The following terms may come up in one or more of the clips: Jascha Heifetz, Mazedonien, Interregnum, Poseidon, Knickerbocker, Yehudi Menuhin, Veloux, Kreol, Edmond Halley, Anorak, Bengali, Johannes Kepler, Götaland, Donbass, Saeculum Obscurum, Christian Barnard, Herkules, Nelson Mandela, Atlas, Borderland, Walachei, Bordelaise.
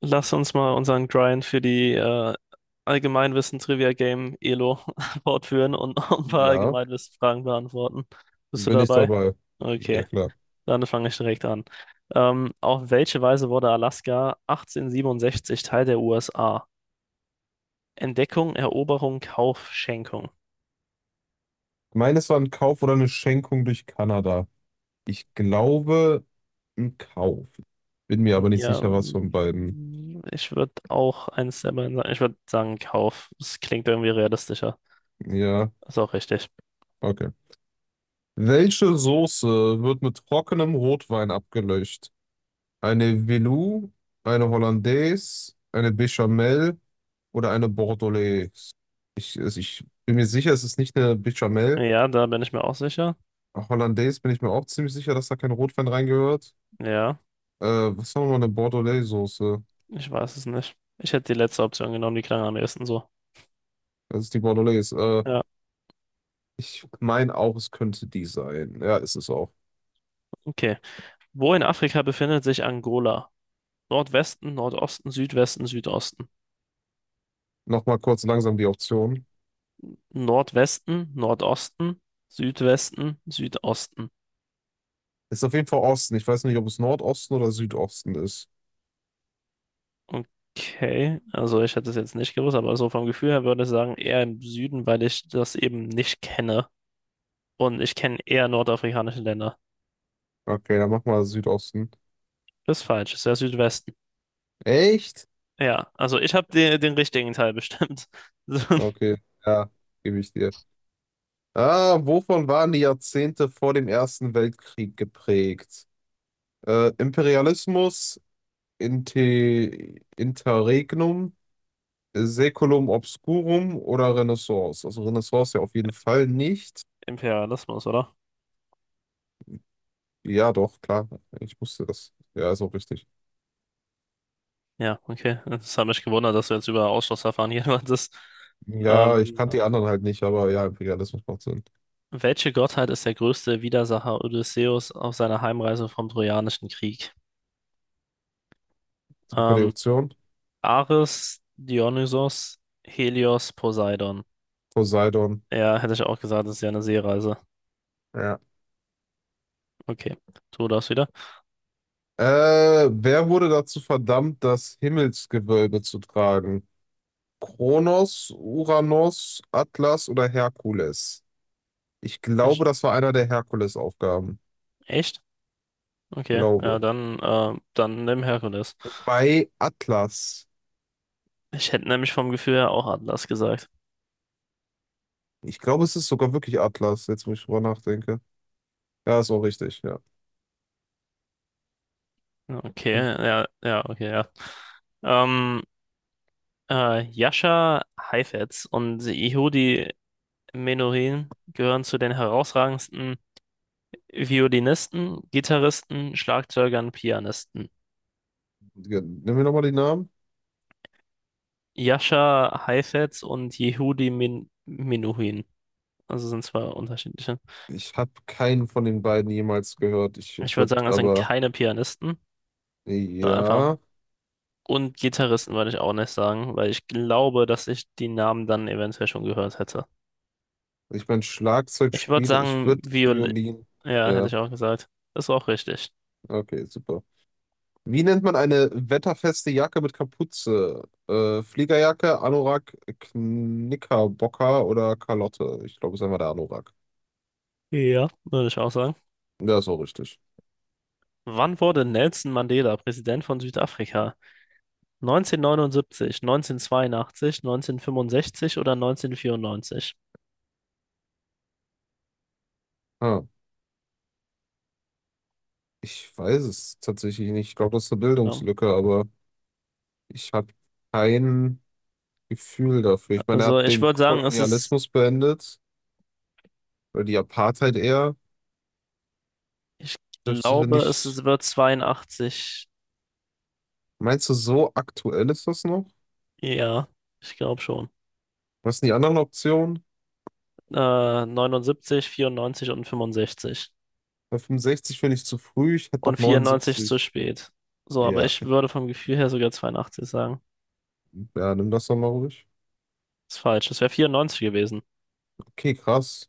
Lass uns mal unseren Grind für die Allgemeinwissen-Trivia-Game Elo fortführen und noch ein paar Ja, Allgemeinwissen-Fragen beantworten. Bist du bin ich dabei? dabei. Okay, Ja, klar. dann fange ich direkt an. Auf welche Weise wurde Alaska 1867 Teil der USA? Entdeckung, Eroberung, Kauf, Schenkung. Meines war ein Kauf oder eine Schenkung durch Kanada. Ich glaube, ein Kauf. Bin mir aber nicht Ja, sicher, was von beiden. mm, ich würde auch eins der beiden sagen. Ich würde sagen Kauf. Das klingt irgendwie realistischer. Ja, Ist auch richtig. okay. Welche Soße wird mit trockenem Rotwein abgelöscht? Eine Veloux, eine Hollandaise, eine Béchamel oder eine Bordelaise? Also ich bin mir sicher, es ist nicht eine Béchamel. Ja, da bin ich mir auch sicher. Hollandaise bin ich mir auch ziemlich sicher, dass da kein Rotwein reingehört. Ja. Was war nochmal eine Bordelaise-Soße? Ich weiß es nicht. Ich hätte die letzte Option genommen, die klang am ehesten so. Das ist die Bordelaise. Ja, Ich meine auch, es könnte die sein. Ja, ist es auch. okay. Wo in Afrika befindet sich Angola? Nordwesten, Nordosten, Südwesten, Südosten. Nochmal kurz langsam die Option. Nordwesten, Nordosten, Südwesten, Südosten. Ist auf jeden Fall Osten. Ich weiß nicht, ob es Nordosten oder Südosten ist. Okay, also ich hätte es jetzt nicht gewusst, aber so vom Gefühl her würde ich sagen, eher im Süden, weil ich das eben nicht kenne. Und ich kenne eher nordafrikanische Länder. Okay, dann mach mal Südosten. Das ist falsch, ist der Südwesten. Echt? Ja, also ich habe den richtigen Teil bestimmt. Okay, ja, gebe ich dir. Wovon waren die Jahrzehnte vor dem Ersten Weltkrieg geprägt? Imperialismus, Inte Interregnum, Saeculum Obscurum oder Renaissance? Also Renaissance ja auf jeden Fall nicht. Imperialismus, oder? Ja, doch, klar. Ich wusste das. Ja, ist auch richtig. Ja, okay. Das hat mich gewundert, dass du jetzt über Ausschlussverfahren hier meintest. Ja, ich Ähm, kannte die anderen halt nicht, aber ja, ja, das macht Sinn. Welche Gottheit ist der größte Widersacher Odysseus auf seiner Heimreise vom Trojanischen Krieg? Gib mal die Ähm, Option. Ares, Dionysos, Helios, Poseidon. Poseidon. Ja, hätte ich auch gesagt, das ist ja eine Seereise. Ja. Okay, tu das wieder. Wer wurde dazu verdammt, das Himmelsgewölbe zu tragen? Kronos, Uranus, Atlas oder Herkules? Ich glaube, Ich, das war einer der Hercules-Aufgaben. echt? Okay, ja, Glaube. dann dann nimm Herkules. Bei Atlas. Ich hätte nämlich vom Gefühl her auch Atlas gesagt. Ich glaube, es ist sogar wirklich Atlas, jetzt wo ich drüber nachdenke. Ja, ist auch richtig, ja. Okay, ja, ja, okay, ja. Ähm, Jascha Heifetz und Yehudi Menuhin gehören zu den herausragendsten Violinisten, Gitarristen, Schlagzeugern, Pianisten. Ja, nimm mir nochmal die Namen. Jascha Heifetz und Yehudi Menuhin. Also sind zwei unterschiedliche. Ich habe keinen von den beiden jemals gehört. Ich würde sagen, es sind keine Pianisten, sondern einfach. Ja, Und Gitarristen würde ich auch nicht sagen, weil ich glaube, dass ich die Namen dann eventuell schon gehört hätte. ich meine, Ich würde Schlagzeugspieler, ich sagen, würde Viol, Violin. ja, hätte Ja, ich auch gesagt. Ist auch richtig. okay, super. Wie nennt man eine wetterfeste Jacke mit Kapuze? Fliegerjacke, Anorak, Knickerbocker oder Kalotte? Ich glaube, es ist einfach der Anorak. Ja, würde ich auch sagen. Ja, ist auch richtig. Wann wurde Nelson Mandela Präsident von Südafrika? 1979, 1982, 1965 oder 1994? Ah, Ich weiß es tatsächlich nicht. Ich glaube, das ist eine Genau. Bildungslücke, aber. Ich habe kein Gefühl dafür. Ich meine, er Also hat ich den würde sagen, Kolonialismus beendet, oder die Apartheid eher. ich Dürfte glaube, es nicht. ist, wird 82. Meinst du, so aktuell ist das noch? Ja, ich glaube schon. Was sind die anderen Optionen? 79, 94 und 65. Bei 65 finde ich zu früh, ich hätte Und noch 94 ist zu neunundsiebzig. spät. So, aber Ja, ich würde vom Gefühl her sogar 82 sagen. ja, nimm das doch mal ruhig. Ist falsch. Es wäre 94 gewesen. Okay, krass.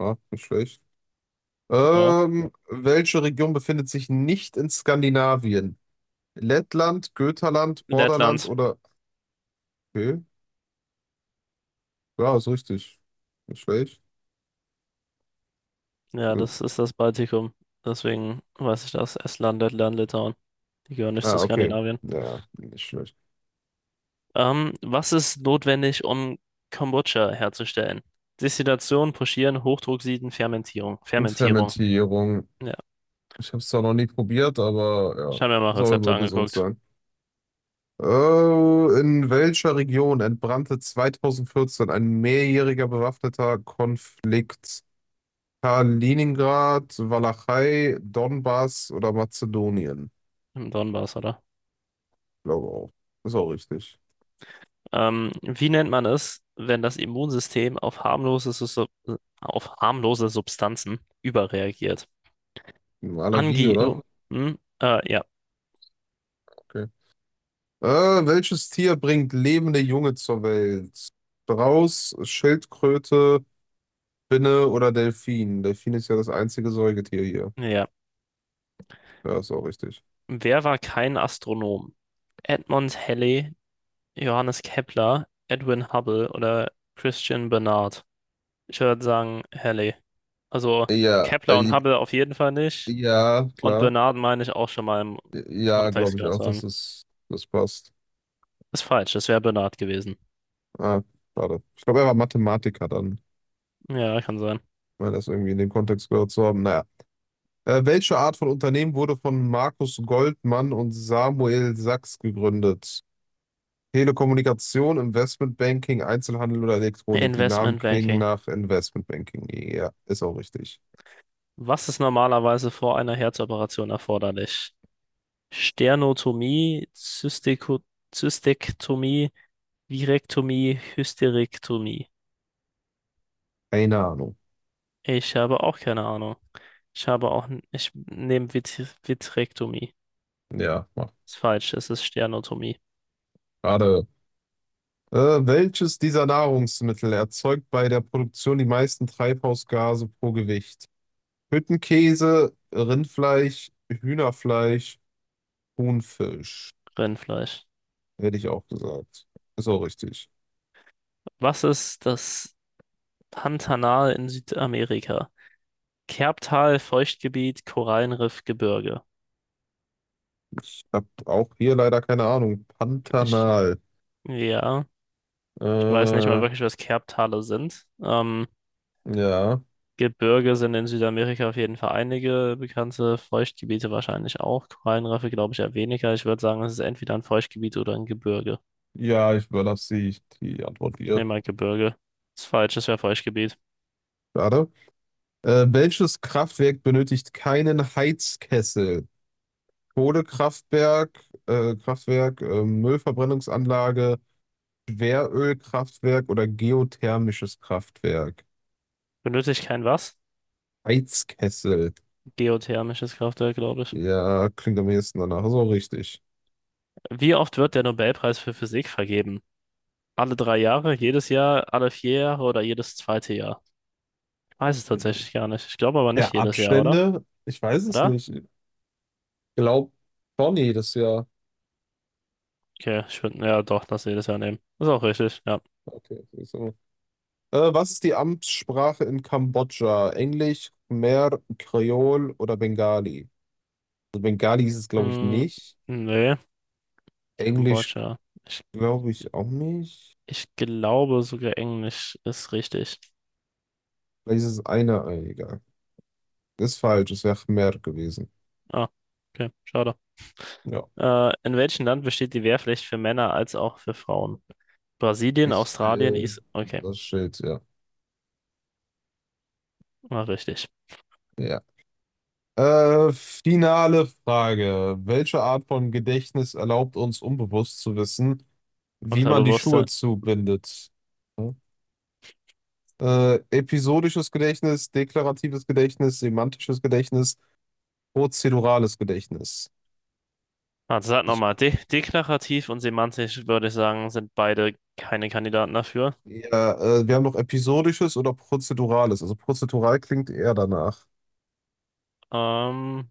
Ja, nicht schlecht. Ja. Welche Region befindet sich nicht in Skandinavien? Lettland, Götaland, Borderland Lettland. oder. Okay, ja, ist richtig. Nicht schlecht. Ja, Äh, das ist das Baltikum. Deswegen weiß ich das. Estland, Lettland, Litauen. Die gehören nicht zu Ah, okay. Skandinavien. Ja, nicht schlecht. Was ist notwendig, um Kombucha herzustellen? Destillation, Pochieren, Hochdrucksieden, Fermentierung. Und Fermentierung. Fermentierung. Ja, Ich habe es zwar noch nie probiert, ich aber ja, habe mir mal soll Rezepte wohl gesund angeguckt. sein. In welcher Region entbrannte 2014 ein mehrjähriger bewaffneter Konflikt? Kaliningrad, Walachei, Donbass oder Mazedonien? Im Donbass, oder? Glaube auch. Ist auch richtig. Wie nennt man es, wenn das Immunsystem auf harmlose Substanzen überreagiert? Eine Allergie, Angi. Oh, oder? hm? Ja. Okay. Welches Tier bringt lebende Junge zur Welt? Strauß, Schildkröte, Spinne oder Delfin? Delfin ist ja das einzige Säugetier hier. Ja. Ja, ist auch richtig. Wer war kein Astronom? Edmond Halley, Johannes Kepler, Edwin Hubble oder Christian Barnard? Ich würde sagen Halley. Also Ja, Kepler und Hubble auf jeden Fall nicht. ja, Und klar. Barnard meine ich auch schon mal im Ja, Kontext glaube ich gehört auch, zu haben. dass das passt. Ist falsch, das wäre Barnard gewesen. Ah, schade. Ich glaube, er war Mathematiker dann, Ja, kann sein. weil das irgendwie in dem Kontext gehört zu haben. Naja. Welche Art von Unternehmen wurde von Markus Goldmann und Samuel Sachs gegründet? Telekommunikation, Investmentbanking, Einzelhandel oder Elektronik? Die Namen Investment klingen Banking. nach Investmentbanking. Ja, ist auch richtig. Was ist normalerweise vor einer Herzoperation erforderlich? Sternotomie, Zystiko Zystektomie, Virektomie, Hysterektomie. Keine Ahnung. Ich habe auch keine Ahnung. Ich habe auch, n- ich nehme Vitrektomie. Ja, mach. Ist falsch, es ist Sternotomie. Gerade. Äh, Welches dieser Nahrungsmittel erzeugt bei der Produktion die meisten Treibhausgase pro Gewicht? Hüttenkäse, Rindfleisch, Hühnerfleisch, Thunfisch. Rindfleisch. Hätte ich auch gesagt. Ist auch richtig. Was ist das Pantanal in Südamerika? Kerbtal, Feuchtgebiet, Korallenriff, Gebirge. Ich habe auch hier leider keine Ahnung. Ich, Pantanal. ja, ich weiß nicht Äh, mal wirklich, was Kerbtale sind. Ja. Gebirge sind in Südamerika auf jeden Fall einige bekannte, Feuchtgebiete wahrscheinlich auch. Korallenriffe glaube ich eher weniger. Ich würde sagen, es ist entweder ein Feuchtgebiet oder ein Gebirge. Ja, ich überlasse die Antwort dir. Nehmen mal Gebirge. Ist falsch, es wäre Feuchtgebiet. Schade. Welches Kraftwerk benötigt keinen Heizkessel? Kohlekraftwerk, Kraftwerk, Müllverbrennungsanlage, Schwerölkraftwerk oder geothermisches Kraftwerk. Benötige ich kein was? Heizkessel. Geothermisches Kraftwerk, glaube ich. Ja, klingt am ehesten danach. So richtig. Wie oft wird der Nobelpreis für Physik vergeben? Alle drei Jahre, jedes Jahr, alle vier Jahre oder jedes zweite Jahr? Ich weiß es tatsächlich gar nicht. Ich glaube aber nicht Der jedes Jahr, oder? Abstände? Ich weiß es Oder? nicht. Ich glaube schon jedes Jahr. Okay, ich würde, ja doch, das jedes Jahr nehmen. Ist auch richtig, ja. Okay, so. Was ist die Amtssprache in Kambodscha? Englisch, Khmer, Kreol oder Bengali? Also Bengali ist es, glaube ich, Mm, nicht. nee. Englisch, Kambodscha. Ich, glaube ich, auch nicht. ich glaube sogar Englisch ist richtig. Vielleicht ist es eine Ei, egal. Ist falsch, es wäre mehr gewesen. Ah, okay, schade. Ja. In welchem Land besteht die Wehrpflicht für Männer als auch für Frauen? Brasilien, Australien, Israel, Is... Okay, das Schild, ja. war richtig. Ja. Finale Frage. Welche Art von Gedächtnis erlaubt uns, unbewusst zu wissen, wie man die Schuhe Unterbewusste. zubindet? Ja. Episodisches Gedächtnis, deklaratives Gedächtnis, semantisches Gedächtnis, prozedurales Gedächtnis. Also sag Ich, nochmal, de deklarativ und semantisch würde ich sagen, sind beide keine Kandidaten dafür. ja, wir haben noch episodisches oder prozedurales. Also prozedural klingt eher danach. Ähm,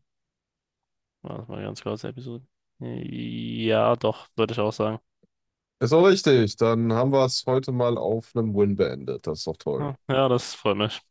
warte mal ganz kurz, Episode. Ja, doch, würde ich auch sagen. Ist auch richtig. Dann haben wir es heute mal auf einem Win beendet. Das ist doch toll. Hm, ja, das freut mich.